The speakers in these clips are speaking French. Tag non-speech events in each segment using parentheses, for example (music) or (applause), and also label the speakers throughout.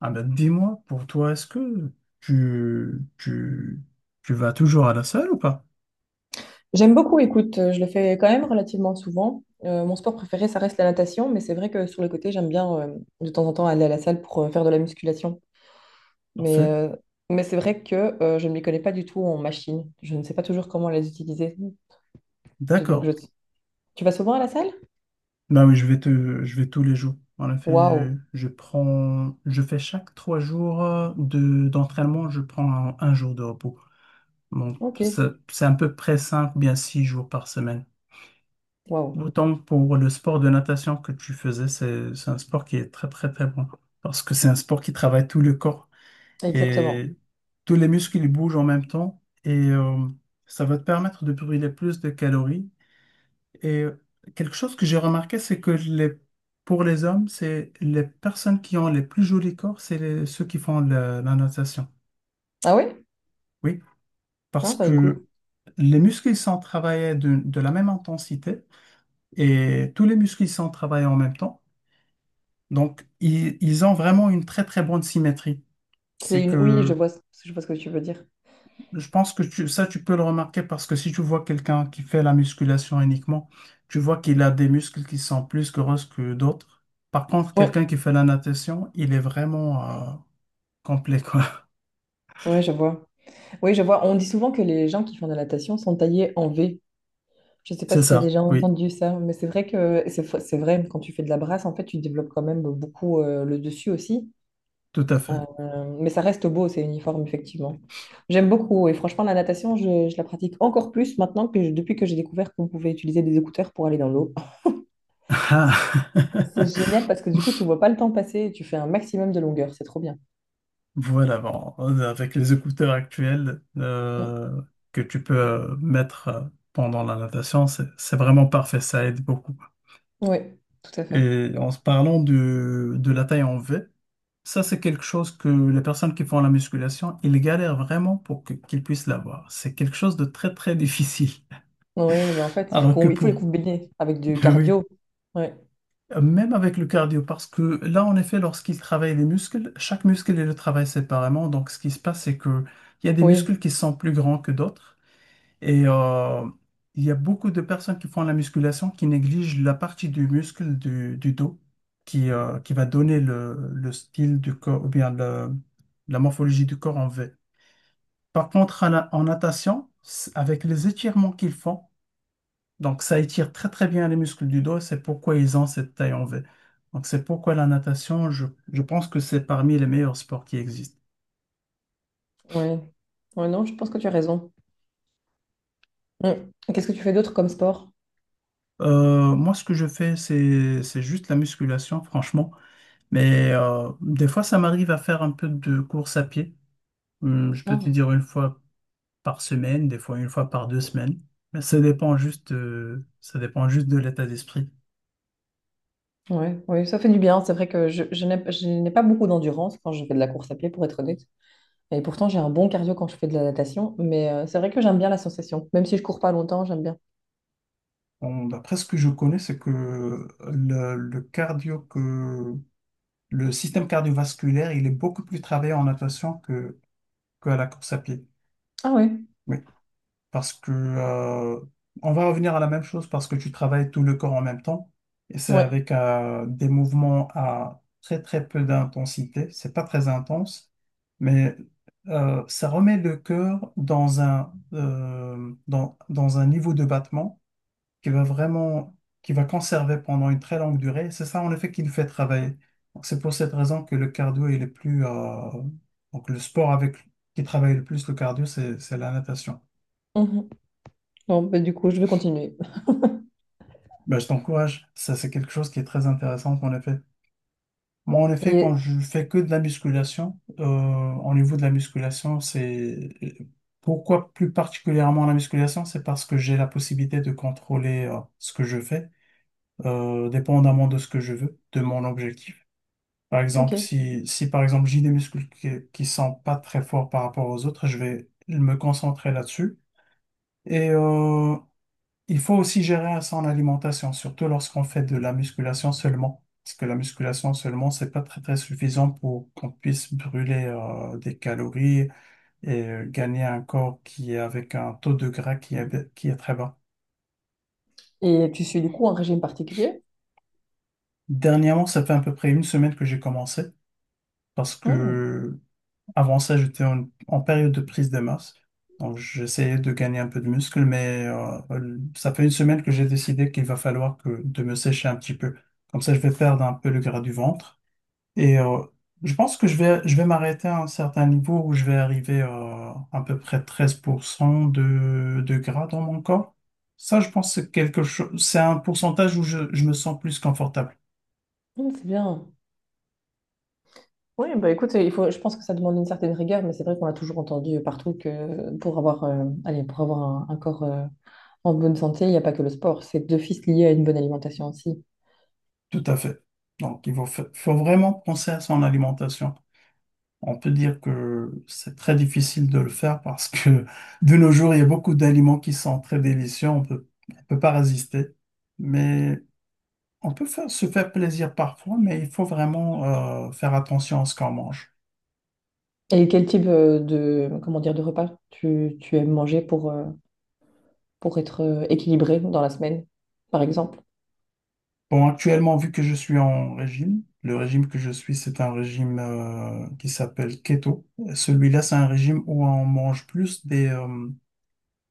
Speaker 1: Ah ben, dis-moi, pour toi, est-ce que tu, tu, tu vas toujours à la salle ou pas?
Speaker 2: J'aime beaucoup, écoute, je le fais quand même relativement souvent. Mon sport préféré, ça reste la natation, mais c'est vrai que sur le côté, j'aime bien de temps en temps aller à la salle pour faire de la musculation. Mais,
Speaker 1: Parfait.
Speaker 2: euh, mais c'est vrai que je ne m'y connais pas du tout en machine. Je ne sais pas toujours comment les utiliser. Je- donc, je-
Speaker 1: D'accord.
Speaker 2: Tu vas souvent à la salle?
Speaker 1: Ben oui, je vais tous les jours. En effet,
Speaker 2: Waouh,
Speaker 1: je fais chaque trois jours d'entraînement, je prends un jour de repos. Bon,
Speaker 2: ok,
Speaker 1: c'est à peu près cinq, bien six jours par semaine.
Speaker 2: waouh,
Speaker 1: Autant pour le sport de natation que tu faisais, c'est un sport qui est très, très, très bon. Parce que c'est un sport qui travaille tout le corps.
Speaker 2: exactement.
Speaker 1: Et tous les muscles ils bougent en même temps et ça va te permettre de brûler plus de calories. Et quelque chose que j'ai remarqué, c'est que pour les hommes, c'est les personnes qui ont les plus jolis corps, c'est ceux qui font la natation.
Speaker 2: Ah ouais?
Speaker 1: Oui,
Speaker 2: Ah
Speaker 1: parce
Speaker 2: bah
Speaker 1: que
Speaker 2: écoute,
Speaker 1: les muscles ils sont travaillés de la même intensité et tous les muscles ils sont travaillés en même temps. Donc, ils ont vraiment une très très bonne symétrie.
Speaker 2: c'est
Speaker 1: C'est
Speaker 2: une... Oui, je
Speaker 1: que
Speaker 2: vois, je vois ce que tu veux dire.
Speaker 1: je pense que ça, tu peux le remarquer parce que si tu vois quelqu'un qui fait la musculation uniquement, tu vois qu'il a des muscles qui sont plus grosses que d'autres. Par contre,
Speaker 2: Ouais,
Speaker 1: quelqu'un qui fait la natation, il est vraiment complet, quoi. (laughs)
Speaker 2: ouais, je vois. Oui, je vois. On dit souvent que les gens qui font de la natation sont taillés en V. Je sais pas
Speaker 1: C'est
Speaker 2: si tu as
Speaker 1: ça,
Speaker 2: déjà
Speaker 1: oui,
Speaker 2: entendu ça, mais c'est vrai que c'est vrai, quand tu fais de la brasse, en fait, tu développes quand même beaucoup le dessus aussi.
Speaker 1: tout à fait.
Speaker 2: Mais ça reste beau, c'est uniforme, effectivement. J'aime beaucoup. Et franchement, la natation, je la pratique encore plus maintenant depuis que j'ai découvert qu'on pouvait utiliser des écouteurs pour aller dans l'eau.
Speaker 1: Ah.
Speaker 2: C'est
Speaker 1: (laughs)
Speaker 2: génial parce que du coup, tu vois pas le temps passer et tu fais un maximum de longueur. C'est trop bien.
Speaker 1: Voilà, bon, avec les écouteurs actuels
Speaker 2: Mm.
Speaker 1: que tu peux mettre pendant la natation, c'est vraiment parfait, ça aide beaucoup.
Speaker 2: Oui, tout à fait.
Speaker 1: Et en se parlant de la taille en V, ça, c'est quelque chose que les personnes qui font la musculation, ils galèrent vraiment pour qu'ils puissent l'avoir. C'est quelque chose de très, très difficile.
Speaker 2: Oui, bah en fait,
Speaker 1: Alors que
Speaker 2: il faut les
Speaker 1: pour,
Speaker 2: combiner avec du
Speaker 1: (laughs) oui,
Speaker 2: cardio. Ouais.
Speaker 1: même avec le cardio, parce que là, en effet, lorsqu'ils travaillent les muscles, chaque muscle, il le travaille séparément. Donc, ce qui se passe, c'est que il y a des
Speaker 2: Oui,
Speaker 1: muscles qui sont plus grands que d'autres. Et il y a beaucoup de personnes qui font la musculation qui négligent la partie du muscle du dos qui va donner le style du corps ou bien la morphologie du corps en V. Par contre, en natation, avec les étirements qu'ils font, donc ça étire très très bien les muscles du dos, c'est pourquoi ils ont cette taille en V. Donc c'est pourquoi la natation, je pense que c'est parmi les meilleurs sports qui existent.
Speaker 2: oui. Ouais, non, je pense que tu as raison. Mm. Et qu'est-ce que tu fais d'autre comme sport?
Speaker 1: Moi, ce que je fais, c'est juste la musculation, franchement. Mais des fois, ça m'arrive à faire un peu de course à pied. Je peux te
Speaker 2: Ah.
Speaker 1: dire une fois par semaine, des fois une fois par deux semaines. Mais ça dépend juste de l'état d'esprit.
Speaker 2: Ouais, ouais, ça fait du bien. C'est vrai que je n'ai pas beaucoup d'endurance quand je fais de la course à pied, pour être honnête. Et pourtant, j'ai un bon cardio quand je fais de la natation. Mais c'est vrai que j'aime bien la sensation. Même si je cours pas longtemps, j'aime bien.
Speaker 1: Bon, d'après ce que je connais, c'est que le cardio que le système cardiovasculaire, il est beaucoup plus travaillé en natation que à la course à pied.
Speaker 2: Ah ouais,
Speaker 1: Oui, parce que on va revenir à la même chose parce que tu travailles tout le corps en même temps et c'est
Speaker 2: ouais.
Speaker 1: avec des mouvements à très très peu d'intensité. C'est pas très intense, mais ça remet le cœur dans un dans un niveau de battement qui va vraiment, qui va conserver pendant une très longue durée. C'est ça, en effet, qui nous fait travailler. Donc, c'est pour cette raison que le cardio il est le plus, donc le sport avec qui travaille le plus le cardio, c'est la natation.
Speaker 2: Mhm. Bon, bah, du coup, je vais continuer.
Speaker 1: Ben, je t'encourage. Ça, c'est quelque chose qui est très intéressant, en effet. Moi, en effet,
Speaker 2: Et,
Speaker 1: quand je fais que de la musculation, au niveau de la musculation, c'est pourquoi plus particulièrement la musculation, c'est parce que j'ai la possibilité de contrôler, ce que je fais, dépendamment de ce que je veux, de mon objectif. Par exemple,
Speaker 2: ok.
Speaker 1: si par exemple j'ai des muscles qui sont pas très forts par rapport aux autres, je vais me concentrer là-dessus. Et il faut aussi gérer son alimentation, surtout lorsqu'on fait de la musculation seulement. Parce que la musculation seulement, c'est pas très très suffisant pour qu'on puisse brûler des calories et gagner un corps qui est avec un taux de gras qui est très bas.
Speaker 2: Et tu suis du coup un régime particulier?
Speaker 1: Dernièrement, ça fait à peu près une semaine que j'ai commencé parce
Speaker 2: Hmm.
Speaker 1: que avant ça, j'étais en, en période de prise de masse. Donc, j'essayais de gagner un peu de muscle, mais ça fait une semaine que j'ai décidé qu'il va falloir que de me sécher un petit peu. Comme ça, je vais perdre un peu le gras du ventre. Et je pense que je vais m'arrêter à un certain niveau où je vais arriver à peu près 13% de gras dans mon corps. Ça, je pense que c'est quelque chose, c'est un pourcentage où je me sens plus confortable.
Speaker 2: Hmm, c'est bien. Oui, bah écoute, il faut, je pense que ça demande une certaine rigueur, mais c'est vrai qu'on a toujours entendu partout que pour avoir, allez, pour avoir un corps en bonne santé, il n'y a pas que le sport, c'est deux fils liés à une bonne alimentation aussi.
Speaker 1: Tout à fait. Donc, il faut, faut vraiment penser à son alimentation. On peut dire que c'est très difficile de le faire parce que (laughs) de nos jours, il y a beaucoup d'aliments qui sont très délicieux, on peut pas résister. Mais on peut faire, se faire plaisir parfois, mais il faut vraiment faire attention à ce qu'on mange.
Speaker 2: Et quel type comment dire, de repas tu aimes manger pour être équilibré dans la semaine, par exemple?
Speaker 1: Bon, actuellement, vu que je suis en régime, le régime que je suis, c'est un régime qui s'appelle keto. Celui-là, c'est un régime où on mange plus des,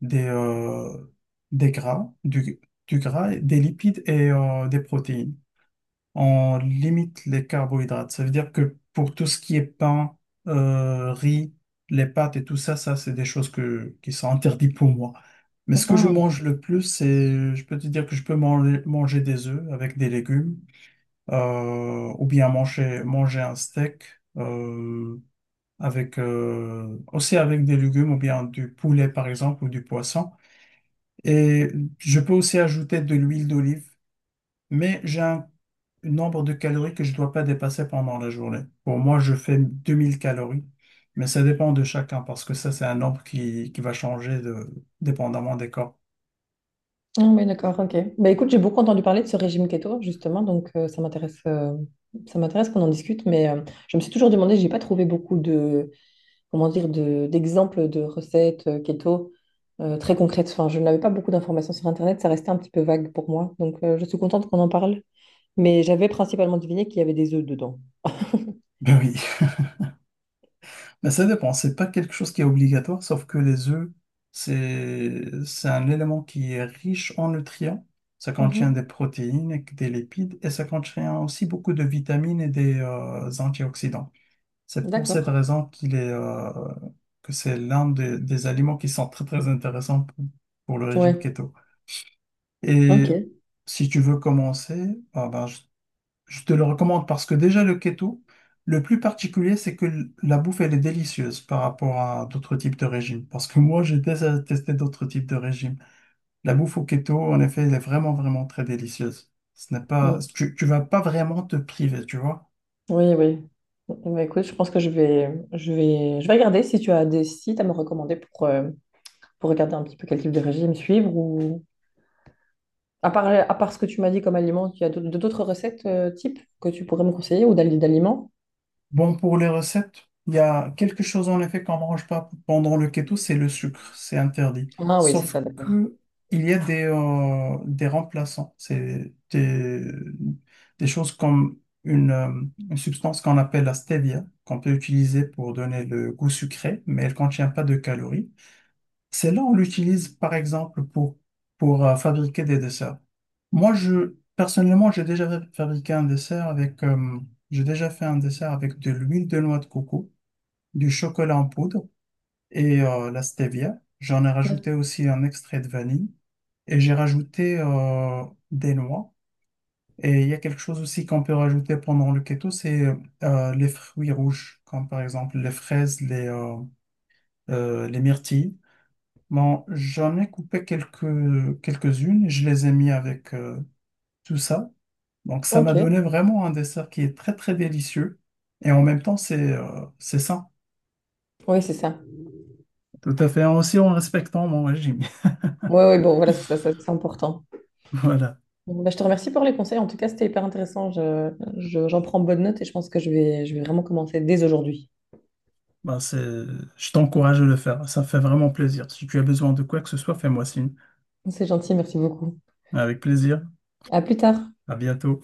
Speaker 1: des, euh, des gras, du gras, des lipides et des protéines. On limite les carbohydrates. Ça veut dire que pour tout ce qui est pain, riz, les pâtes et tout ça, ça, c'est des choses que, qui sont interdites pour moi. Mais ce que je
Speaker 2: Ah,
Speaker 1: mange le plus, c'est, je peux te dire que je peux manger des œufs avec des légumes, ou bien manger un steak, euh, avec, aussi avec des légumes, ou bien du poulet, par exemple, ou du poisson. Et je peux aussi ajouter de l'huile d'olive mais j'ai un nombre de calories que je ne dois pas dépasser pendant la journée. Pour moi, je fais 2000 calories, mais ça dépend de chacun parce que ça, c'est un nombre qui va changer de, dépendamment des corps.
Speaker 2: ah oui, d'accord, ok. Bah, écoute, j'ai beaucoup entendu parler de ce régime keto, justement, donc ça m'intéresse qu'on en discute, mais je me suis toujours demandé, j'ai pas trouvé beaucoup de. Comment dire, d'exemples de recettes keto très concrètes. Enfin, je n'avais pas beaucoup d'informations sur Internet, ça restait un petit peu vague pour moi. Donc, je suis contente qu'on en parle. Mais j'avais principalement deviné qu'il y avait des œufs dedans.
Speaker 1: Ben oui, (laughs) mais ça dépend. C'est pas quelque chose qui est obligatoire, sauf que les œufs, c'est un élément qui est riche en nutriments. Ça contient des
Speaker 2: Mhm.
Speaker 1: protéines, et des lipides et ça contient aussi beaucoup de vitamines et des antioxydants. C'est pour cette
Speaker 2: D'accord.
Speaker 1: raison qu'il est, que c'est l'un des aliments qui sont très très intéressants pour le régime
Speaker 2: Ouais.
Speaker 1: keto. Et
Speaker 2: Ok.
Speaker 1: si tu veux commencer, ah ben, je te le recommande parce que déjà le keto, le plus particulier, c'est que la bouffe, elle est délicieuse par rapport à d'autres types de régimes. Parce que moi, j'ai déjà testé d'autres types de régimes. La bouffe au keto, en effet, elle est vraiment vraiment très délicieuse. Ce n'est pas,
Speaker 2: Mm.
Speaker 1: tu vas pas vraiment te priver, tu vois.
Speaker 2: Oui, oui. Mm, bah, écoute, je pense que je vais regarder si tu as des sites à me recommander pour regarder un petit peu quel type de régime suivre ou à part ce que tu m'as dit comme aliment, il y a d'autres recettes type que tu pourrais me conseiller ou d'aliments?
Speaker 1: Bon, pour les recettes, il y a quelque chose en effet qu'on ne mange pas pendant le keto, c'est le sucre, c'est interdit.
Speaker 2: Ah oui, c'est
Speaker 1: Sauf
Speaker 2: ça, d'accord.
Speaker 1: que il y a des remplaçants, c'est des choses comme une, euh, une substance qu'on appelle la stevia, qu'on peut utiliser pour donner le goût sucré, mais elle ne contient pas de calories. Celle-là, on l'utilise par exemple pour fabriquer des desserts. Moi, je, personnellement, j'ai déjà fabriqué un dessert avec, j'ai déjà fait un dessert avec de l'huile de noix de coco, du chocolat en poudre et la stevia. J'en ai
Speaker 2: Ouais.
Speaker 1: rajouté aussi un extrait de vanille et j'ai rajouté des noix. Et il y a quelque chose aussi qu'on peut rajouter pendant le keto, c'est les fruits rouges, comme par exemple les fraises, les myrtilles. Bon, j'en ai coupé quelques, quelques-unes et je les ai mis avec tout ça. Donc, ça
Speaker 2: Ok,
Speaker 1: m'a donné vraiment un dessert qui est très, très délicieux. Et en même temps, c'est sain.
Speaker 2: oui, c'est ça.
Speaker 1: Tout à fait. Aussi en respectant mon régime. (laughs)
Speaker 2: Oui, oui, bon, voilà, c'est ça, ça, c'est important.
Speaker 1: Voilà.
Speaker 2: Bon, bah, je te remercie pour les conseils. En tout cas, c'était hyper intéressant. J'en prends bonne note et je pense que je vais vraiment commencer dès aujourd'hui.
Speaker 1: Ben, c'est, je t'encourage à le faire. Ça fait vraiment plaisir. Si tu as besoin de quoi que ce soit, fais-moi signe.
Speaker 2: C'est gentil, merci beaucoup.
Speaker 1: Avec plaisir.
Speaker 2: À plus tard.
Speaker 1: À bientôt.